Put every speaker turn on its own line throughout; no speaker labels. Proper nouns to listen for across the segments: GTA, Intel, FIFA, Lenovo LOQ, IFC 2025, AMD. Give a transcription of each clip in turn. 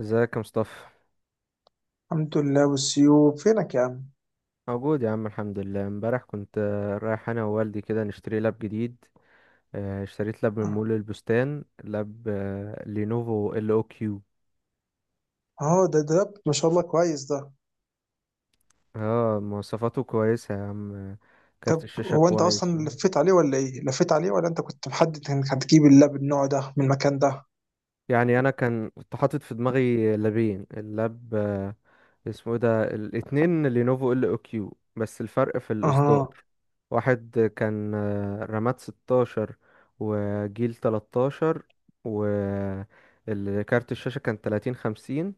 ازيك يا مصطفى؟
الحمد لله، والسيوب فينك يا عم.
موجود يا عم الحمد لله. امبارح كنت رايح انا ووالدي كده نشتري لاب جديد. اشتريت لاب من مول البستان. لاب لينوفو ال او كيو.
اه ده، ما شاء الله، كويس ده.
اه، مواصفاته كويسة يا عم. كارت
طب
الشاشة
هو انت
كويس.
اصلا لفيت عليه ولا ايه، لفيت عليه ولا انت كنت محدد انك هتجيب اللاب النوع ده من المكان ده؟
يعني انا كان كنت حاطط في دماغي لابين. اللاب اسمه ايه ده، الاتنين لينوفو ال او كيو بس الفرق في الاصدار.
اها.
واحد كان رامات 16 وجيل 13 وكارت الشاشة كان 30 50.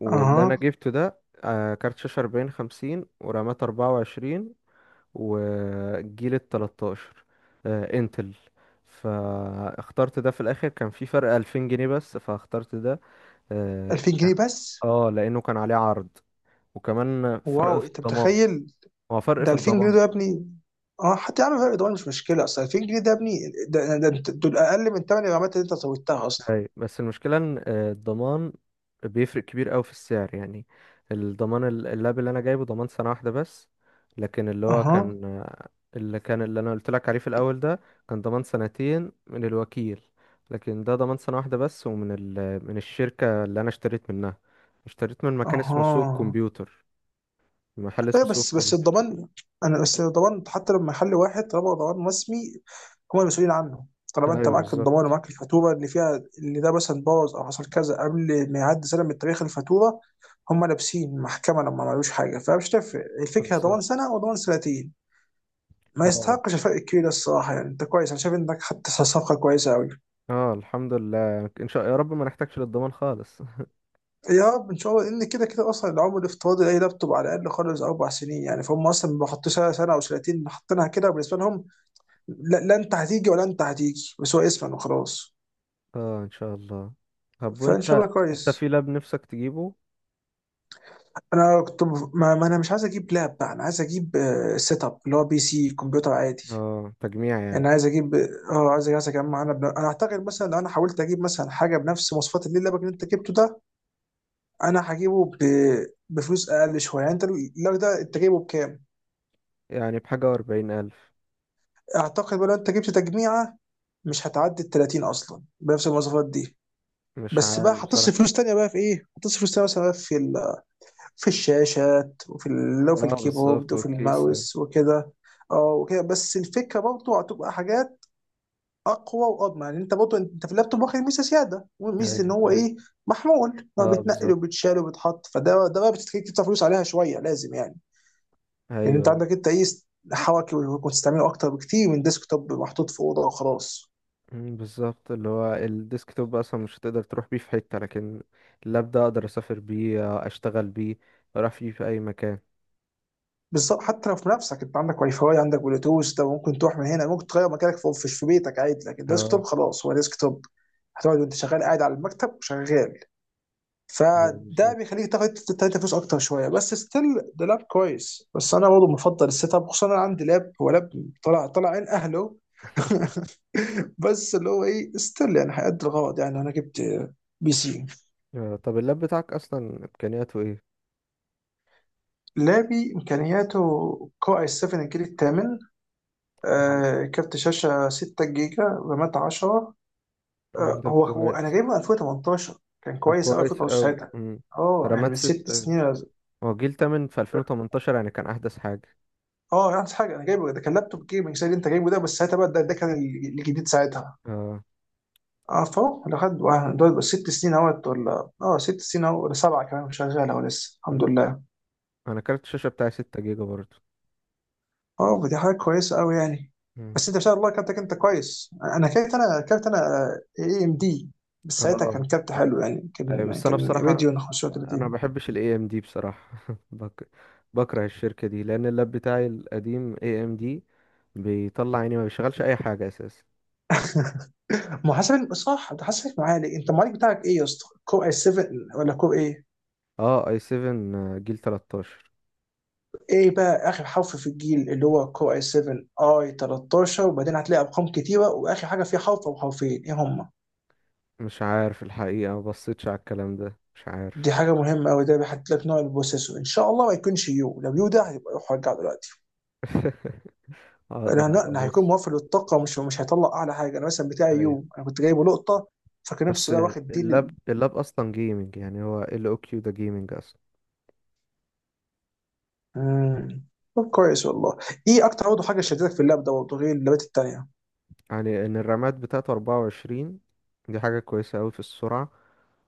واللي انا
اها.
جبته ده كارت شاشة 40 50 ورامات 24، والجيل ال 13 انتل. فاخترت ده. في الاخر كان في فرق 2000 جنيه بس فاخترت ده. اه
2000
كان-
جنيه بس؟
لانه كان عليه عرض وكمان فرق
واو،
في
انت
الضمان.
متخيل
هو فرق
ده
في
2000 جنيه
الضمان.
ده يا ابني؟ اه، حتى يا عم فرق دول مش مشكله، اصل 2000 جنيه ده يا ابني. دول اقل من ثمن الرامات اللي انت زودتها اصلا.
أي بس المشكلة إن الضمان بيفرق كبير أوي في السعر يعني. اللاب اللي أنا جايبه ضمان سنة واحدة بس. لكن اللي هو
اها.
كان اللي كان اللي أنا قلت لك عليه في الأول ده كان ضمان سنتين من الوكيل. لكن ده ضمان سنة واحدة بس من الشركة اللي أنا اشتريت منها. اشتريت من مكان اسمه سوق
اها.
الكمبيوتر. محل اسمه
ايوه،
سوق
بس
الكمبيوتر.
الضمان، انا بس الضمان حتى لما يحل واحد، طالما هو ضمان رسمي هم المسؤولين عنه. طالما انت
ايوه
معاك الضمان
بالظبط.
ومعاك الفاتوره اللي فيها اللي ده مثلا باظ او حصل كذا قبل ما يعدي سنه من تاريخ الفاتوره، هم لابسين المحكمه لما ما عملوش حاجه، فمش تفرق الفكره
بالظبط.
ضمان سنه وضمان سنتين. ما
اه.
يستحقش الفرق الكبير ده الصراحه، يعني انت كويس، انا شايف انك خدت صفقه كويسه قوي.
اه الحمد لله، ان شاء يا رب ما نحتاجش للضمان خالص.
يا رب ان شاء الله، ان كده كده اصلا العمر الافتراضي لاي لابتوب على الاقل خالص 4 سنين، يعني فهم اصلا ما حطوش سنه، سنة او سنتين حاطينها كده بالنسبه لهم. لا، لا، انت هتيجي ولا انت هتيجي، بس هو اسفن وخلاص.
اه ان شاء الله. طب
فان شاء
وانت،
الله
انت في
كويس.
لاب نفسك تجيبه؟
انا كنت ما انا مش عايز اجيب لاب بقى، انا عايز اجيب سيت اب اللي هو بي سي كمبيوتر عادي.
اه تجميع يعني.
يعني عايز اجيب، اه، عايز اجمع. انا انا اعتقد مثلا لو انا حاولت اجيب مثلا حاجه بنفس مواصفات اللي لابك اللي انت جبته ده، انا بفلوس اقل شويه. يعني انت اللاب ده انت جايبه بكام؟
يعني بحاجة وأربعين ألف.
اعتقد بقى لو انت جبت تجميعه مش هتعدي ال 30 اصلا بنفس المواصفات دي.
مش
بس بقى
عارف بصراحة.
هتصرف فلوس تانية بقى في ايه؟ هتصرف فلوس تانية مثلا بقى في الشاشات لو في
اه بالظبط
الكيبورد وفي
وكيسة.
الماوس وكده. اه وكده، بس الفكره برضه هتبقى حاجات اقوى واضمن، يعني انت برضه انت في اللابتوب واخد ميزه زياده وميزه ان
ايوه
هو
فاهم.
ايه، محمول، ان هو
اه
بيتنقل
بالظبط.
وبيتشال وبيتحط، فده ده بقى بتخليك تدفع فلوس عليها شويه لازم يعني. لان انت
ايوه.
عندك انت ايه، حواكي وتستعمله اكتر بكتير من ديسك توب محطوط في اوضه وخلاص.
مم، بالظبط. اللي هو الديسكتوب اصلا مش هتقدر تروح بيه في حتة، لكن اللاب ده اقدر اسافر بيه، اشتغل بيه، اروح بيه في اي مكان.
بالظبط، حتى لو في نفسك انت عندك واي فاي، عندك بلوتوث، ده ممكن تروح من هنا، ممكن تغير مكانك في بيتك عادي، لكن الديسك توب
اه.
خلاص هو ديسك توب، هتقعد وانت شغال قاعد على المكتب شغال.
ايوه
فده
بالظبط.
بيخليك تاخد تلاتة فلوس اكتر شويه بس ستيل ده لاب كويس. بس انا برضه بفضل السيت اب، خصوصا انا عندي لاب، هو لاب طلع عين اهله. بس اللي هو ايه، ستيل يعني هيأدي الغرض. يعني انا جبت بي سي.
طب اللاب بتاعك اصلا امكانياته ايه؟
لابي امكانياته كو اي 7 الجيل الثامن،
طيب.
آه، كارت شاشة 6 جيجا، رامات 10.
مم،
آه،
طب
هو أنا
كويس.
جايبه 2018، كان
طب
كويس أوي
كويس
2018
اوي.
ساعتها.
مم.
اه يعني
رامات
من ست
6.
سنين ولا-،
هو الجيل التامن في 2018 يعني كان أحدث حاجة.
اه يعني حاجة أنا جايبه ده كان لابتوب جيمنج زي اللي أنت جايبه ده، بس ساعتها بقى ده كان الجديد ساعتها.
اه.
اه، فهو ده خد دول بس 6 سنين، اهوت ولا اه 6 سنين اهو، ولا سبعة، كمان شغالة ولسه
م.
الحمد لله.
أنا كارت الشاشة بتاعي 6 جيجا برضه.
اه، ما دي حاجه كويسه قوي يعني.
م.
بس انت ما شاء الله كابتنك انت كويس، انا كابت انا اي ام دي. بس ساعتها كان
اه
كابت حلو يعني،
أيوة.
كان
بس أنا
كان
بصراحة،
راديون
أنا ما
35.
بحبش ال AMD بصراحة. بك... بكره الشركة دي لأن اللاب بتاعي القديم AMD بيطلع عيني، ما بيشغلش أي حاجة أساسا.
محاسب صح، انت حاسبك معالي، انت المعالج بتاعك ايه يا اسطى، كور اي 7 ولا كور ايه؟
اه اي 7 جيل 13.
ايه بقى اخر حرف في الجيل، اللي هو كور اي 7 اي 13، وبعدين هتلاقي ارقام كتيره واخر حاجه فيه حرف او حرفين، ايه هم؟
مش عارف الحقيقة، ما بصيتش على الكلام ده، مش
دي
عارف.
حاجه مهمه قوي، ده بيحط لك نوع البروسيسور، ان شاء الله ما يكونش يو، لو يو ده هيبقى روح رجعه دلوقتي. لا
اقدر
لا،
ابقى
أنا هيكون
بص.
موفر للطاقه، مش هيطلع اعلى حاجه. انا مثلا بتاعي
ايوه
يوم انا كنت جايبه لقطه، فكان
بس
نفسي بقى واخد دي
اللاب
لل.
اللاب اصلا جيمنج يعني، هو ال او كيو ده جيمنج.
مم. طب كويس والله. ايه اكتر برضه حاجه شدتك في اللاب ده برضه غير اللابات التانيه؟
يعني ان الرامات بتاعته 24، دي حاجة كويسة قوي في السرعة.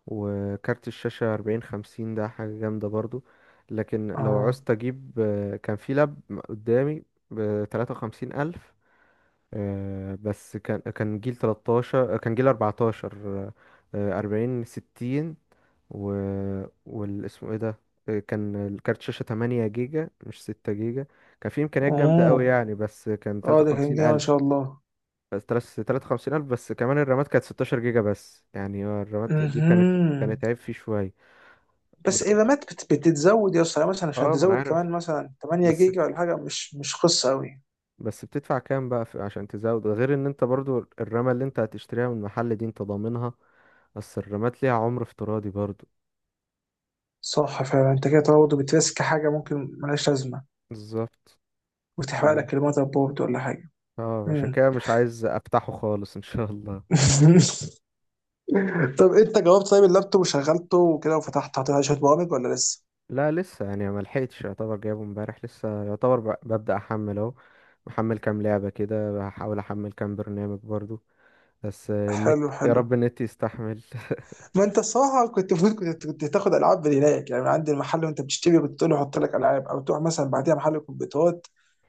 وكارت الشاشة 40 50 ده حاجة جامدة برضو. لكن لو
اه.
عوزت اجيب كان في لاب قدامي ب 53 ألف، بس كان جيل 13، كان جيل 14، 40 60، و والاسمه ايه ده كان الكارت شاشة 8 جيجا مش 6 جيجا. كان في إمكانيات جامدة قوي
اوه،
يعني، بس كان
اه ده كان
53
جامد ما
ألف.
شاء الله.
بس تلات تلاتة وخمسين ألف، بس كمان الرامات كانت 16 جيجا بس. يعني هو الرامات دي كانت
مهم.
كانت عيب فيه شوية.
بس
ب-
الرامات بتتزود يا اسطى، يعني مثلا عشان
اه ما أنا
تزود
عارف.
كمان مثلا 8
بس
جيجا ولا حاجه، مش قصه قوي.
بس بتدفع كام بقى في عشان تزود، غير ان انت برضو الرامة اللي انت هتشتريها من المحل دي انت ضامنها. بس الرامات ليها عمر افتراضي برضو.
صح فعلا، انت كده برضه بترسك حاجه ممكن ملهاش لازمه،
بالظبط.
وتحرق
اه.
لك الموتر بورد ولا حاجه.
عشان
مم.
كده مش عايز افتحه خالص ان شاء الله.
طب انت جاوبت طيب اللابتوب وشغلته وكده، وفتحت حطيت عليه شويه برامج ولا لسه؟
لا لسه، يعني ما لحقتش. يعتبر جايبه امبارح لسه. يعتبر ببدأ احمل اهو. محمل كام لعبة كده، بحاول احمل كام برنامج برضو. بس النت،
حلو
يا
حلو.
رب النت يستحمل.
ما انت الصراحه كنت المفروض كنت تاخد العاب من هناك، يعني من عند المحل وانت بتشتري، كنت تقول له حط لك العاب، او تروح مثلا بعديها محل كمبيوترات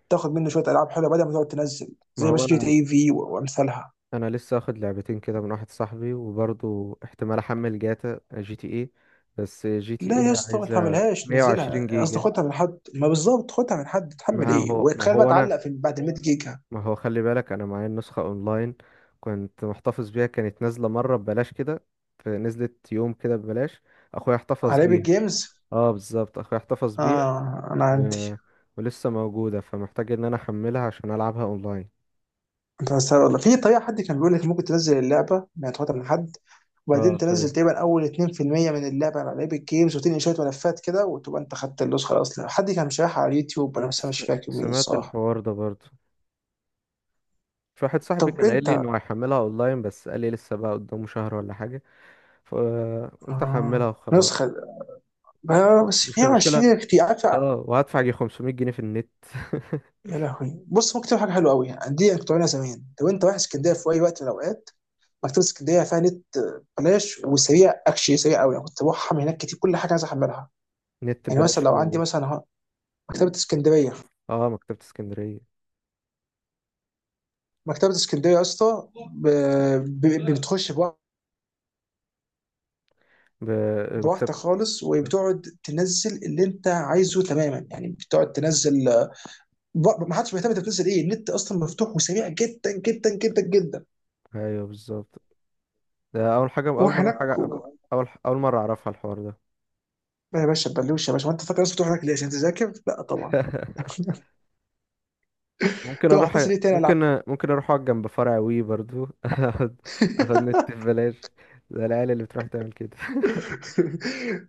تاخد منه شويه العاب حلوه، بدل ما تقعد تنزل.
ما
زي
هو
بس جي تي
انا
اي في وامثالها
انا لسه اخد لعبتين كده من واحد صاحبي، وبرضه احتمال احمل جاتا جي تي اي، بس جي تي
لا يا
اي
اسطى، ما
عايزه
تحملهاش،
120
نزلها قصدي
جيجا.
خدها من حد، ما بالظبط خدها من حد، تحمل
ما
ايه
هو ما
وتخيل بقى
هو انا
تعلق في بعد 100 جيجا؟
ما هو خلي بالك، انا معايا النسخه اونلاين. كنت محتفظ بيها، كانت نازله مره ببلاش كده، فنزلت يوم كده ببلاش. اخويا احتفظ
على ايبك
بيها.
جيمز،
اه بالظبط اخويا احتفظ بيها.
اه انا عندي.
و... ولسه موجوده، فمحتاج ان انا احملها عشان العبها اونلاين.
انت هتستغرب والله، في طريقه حد كان بيقول لك ممكن تنزل اللعبه، ما تاخدها من حد، وبعدين
اه
تنزل تقريبا اول 2% من اللعبه على لعيب الجيمز، وتنقل شويه ملفات كده، وتبقى انت خدت النسخه الاصليه. حد كان شارحها على اليوتيوب، انا
انت
بس مش
س-
فاكر مين
سمعت
الصراحه.
الحوار ده برضه. في واحد صاحبي
طب
كان قايل لي
انت،
انه هيحملها اونلاين، بس قال لي لسه بقى قدامه شهر ولا حاجه، فقلت احملها
آه،
وخلاص.
نسخه، آه، بس
بس المشكله
120 كتير عارف.
اه وهدفع جي 500 جنيه في النت.
يا لهوي، بص ممكن تعمل حاجه حلوه قوي، يعني دي كنت بعملها زمان، لو انت رايح اسكندريه في اي وقت من الاوقات، مكتبه اسكندريه فيها نت آه بلاش وسريع، اكشلي سريع قوي، انا كنت بروح احمل هناك كتير كل حاجه عايز احملها.
نت
يعني
ببلاش
مثلا لو
فين
عندي
ده؟
مثلا أهو، مكتبه اسكندريه،
اه مكتبه اسكندريه.
مكتبة اسكندرية يا اسطى، بتخش
ب... مكتبه.
بواحدة خالص، وبتقعد تنزل اللي انت عايزه تماما، يعني بتقعد تنزل، ما حدش مهتم انت بتنزل ايه، النت اصلا مفتوح وسريع جدا جدا جدا جدا.
ايوه بالظبط. ده اول حاجه،
روح
اول مره
هناك و...
حاجه، اول مره اعرفها الحوار ده.
يا باشا بلوش يا باشا، ما انت فاكر الناس بتروح هناك ليه، عشان تذاكر؟ لا طبعا.
ممكن
طب
اروح،
هتنزل ايه تاني، العب.
ممكن اروح اقعد جنب فرع وي برضو. اخد، اخد نت ببلاش. ده العيال اللي بتروح تعمل كده.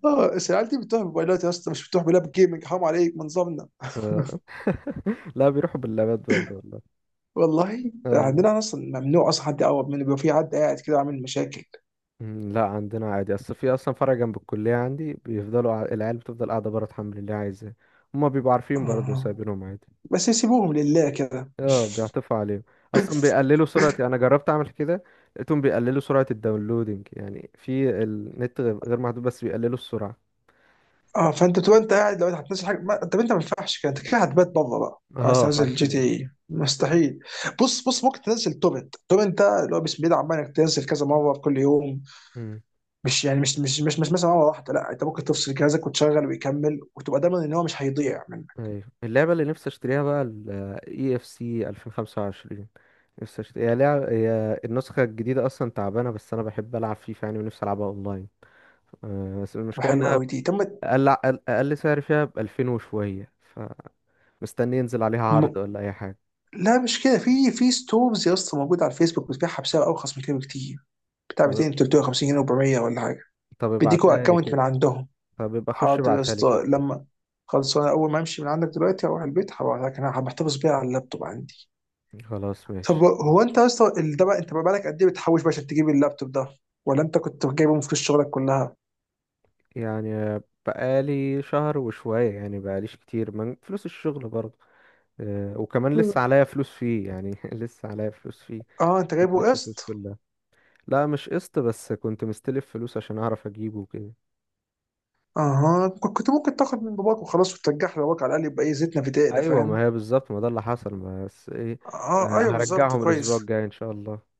اه بس العيال دي بتروح بموبايلات يا اسطى، مش بتروح بلاب جيمنج، حرام عليك، من ضمننا.
آه. لا بيروحوا باللابات برضه والله.
والله
آه والله.
عندنا اصلا ممنوع اصلا حد يقرب منه، بيبقى في حد قاعد كده عامل مشاكل.
مم، لا عندنا عادي. اصل في اصلا فرع جنب الكليه عندي بيفضلوا العيال بتفضل قاعده بره تحمل اللي عايزاه. هما بيبقوا عارفين برضه
آه.
سايبينهم عادي.
بس يسيبوهم لله كده.
اه بيعطفوا عليهم. اصلا بيقللوا سرعه. انا جربت اعمل كده، لقيتهم بيقللوا سرعه الداونلودنج. يعني في النت غير محدود، بس بيقللوا السرعه.
اه فانت تبقى انت قاعد، لو انت هتنزل حاجه ما... طب انت ما ينفعش كده، انت كده هتبات بره بقى عايز
اه
تنزل جي تي
حرفيا.
اي، مستحيل. بص بص، ممكن تنزل توبنت، توبنت ده اللي هو بسم الله عمال انك تنزل كذا مره في كل يوم،
مم.
مش يعني مش مثلا مره واحده، لا انت ممكن تفصل جهازك وتشغل ويكمل، وتبقى ضامن ان هو مش هيضيع منك.
ايوه اللعبه اللي نفسي اشتريها بقى ال اي اف سي 2025. هي النسخة الجديدة أصلا تعبانة، بس أنا بحب ألعب فيفا يعني، ونفسي ألعبها أونلاين. بس
تبقى
المشكلة
حلوه
إنها
قوي دي، تم.
أقل أقل سعر فيها بألفين وشوية، فمستني ينزل عليها
م...
عرض ولا أي حاجة.
لا مش كده، في في ستورز يا اسطى موجوده على الفيسبوك بتبيعها بسعر ارخص من كده بكتير، بتاع
طب
200، 350 جنيه، 400 ولا حاجه،
طب
بيديكوا
ابعتها لي
اكونت من
كده.
عندهم.
طب ابقى أخش
حاضر يا
ابعتها لي كده.
اسطى لما، خلاص، انا اول ما امشي من عندك دلوقتي اروح البيت هبقى، لكن انا بحتفظ بيها على اللابتوب عندي.
خلاص
طب
ماشي.
هو انت يا اسطى ده بقى انت بقى لك قد ايه بتحوش بقى عشان تجيب اللابتوب ده، ولا انت كنت جايبه من فلوس شغلك كلها؟
يعني بقالي شهر وشوية، يعني بقاليش كتير من فلوس الشغل برضه. وكمان لسه
مم.
عليا فلوس فيه يعني. لسه عليا فلوس فيه.
اه انت
ما
جايبه
سددتش الفلوس
قسط.
كلها. لا مش قسط، بس كنت مستلف فلوس عشان اعرف اجيبه وكده.
اها، كنت ممكن تاخد من باباك وخلاص وترجعها لباباك، على الاقل يبقى ايه، زيتنا في دقيقنا
ايوه
فاهم.
ما هي بالظبط، ما ده اللي حصل بس ايه.
اه ايوه بالظبط
هرجعهم
كويس.
الاسبوع الجاي ان شاء الله.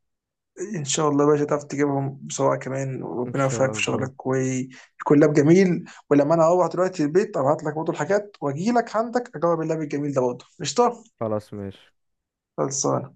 ان شاء الله يا باشا تعرف تجيبهم بسرعه كمان،
ان
وربنا يوفقك
شاء
في
الله.
شغلك ويكون لاب جميل. ولما انا اروح دلوقتي البيت ابعت لك برضه الحاجات واجي لك عندك اجرب اللاب الجميل ده برضه، قشطه.
خلاص ماشي.
خلصان.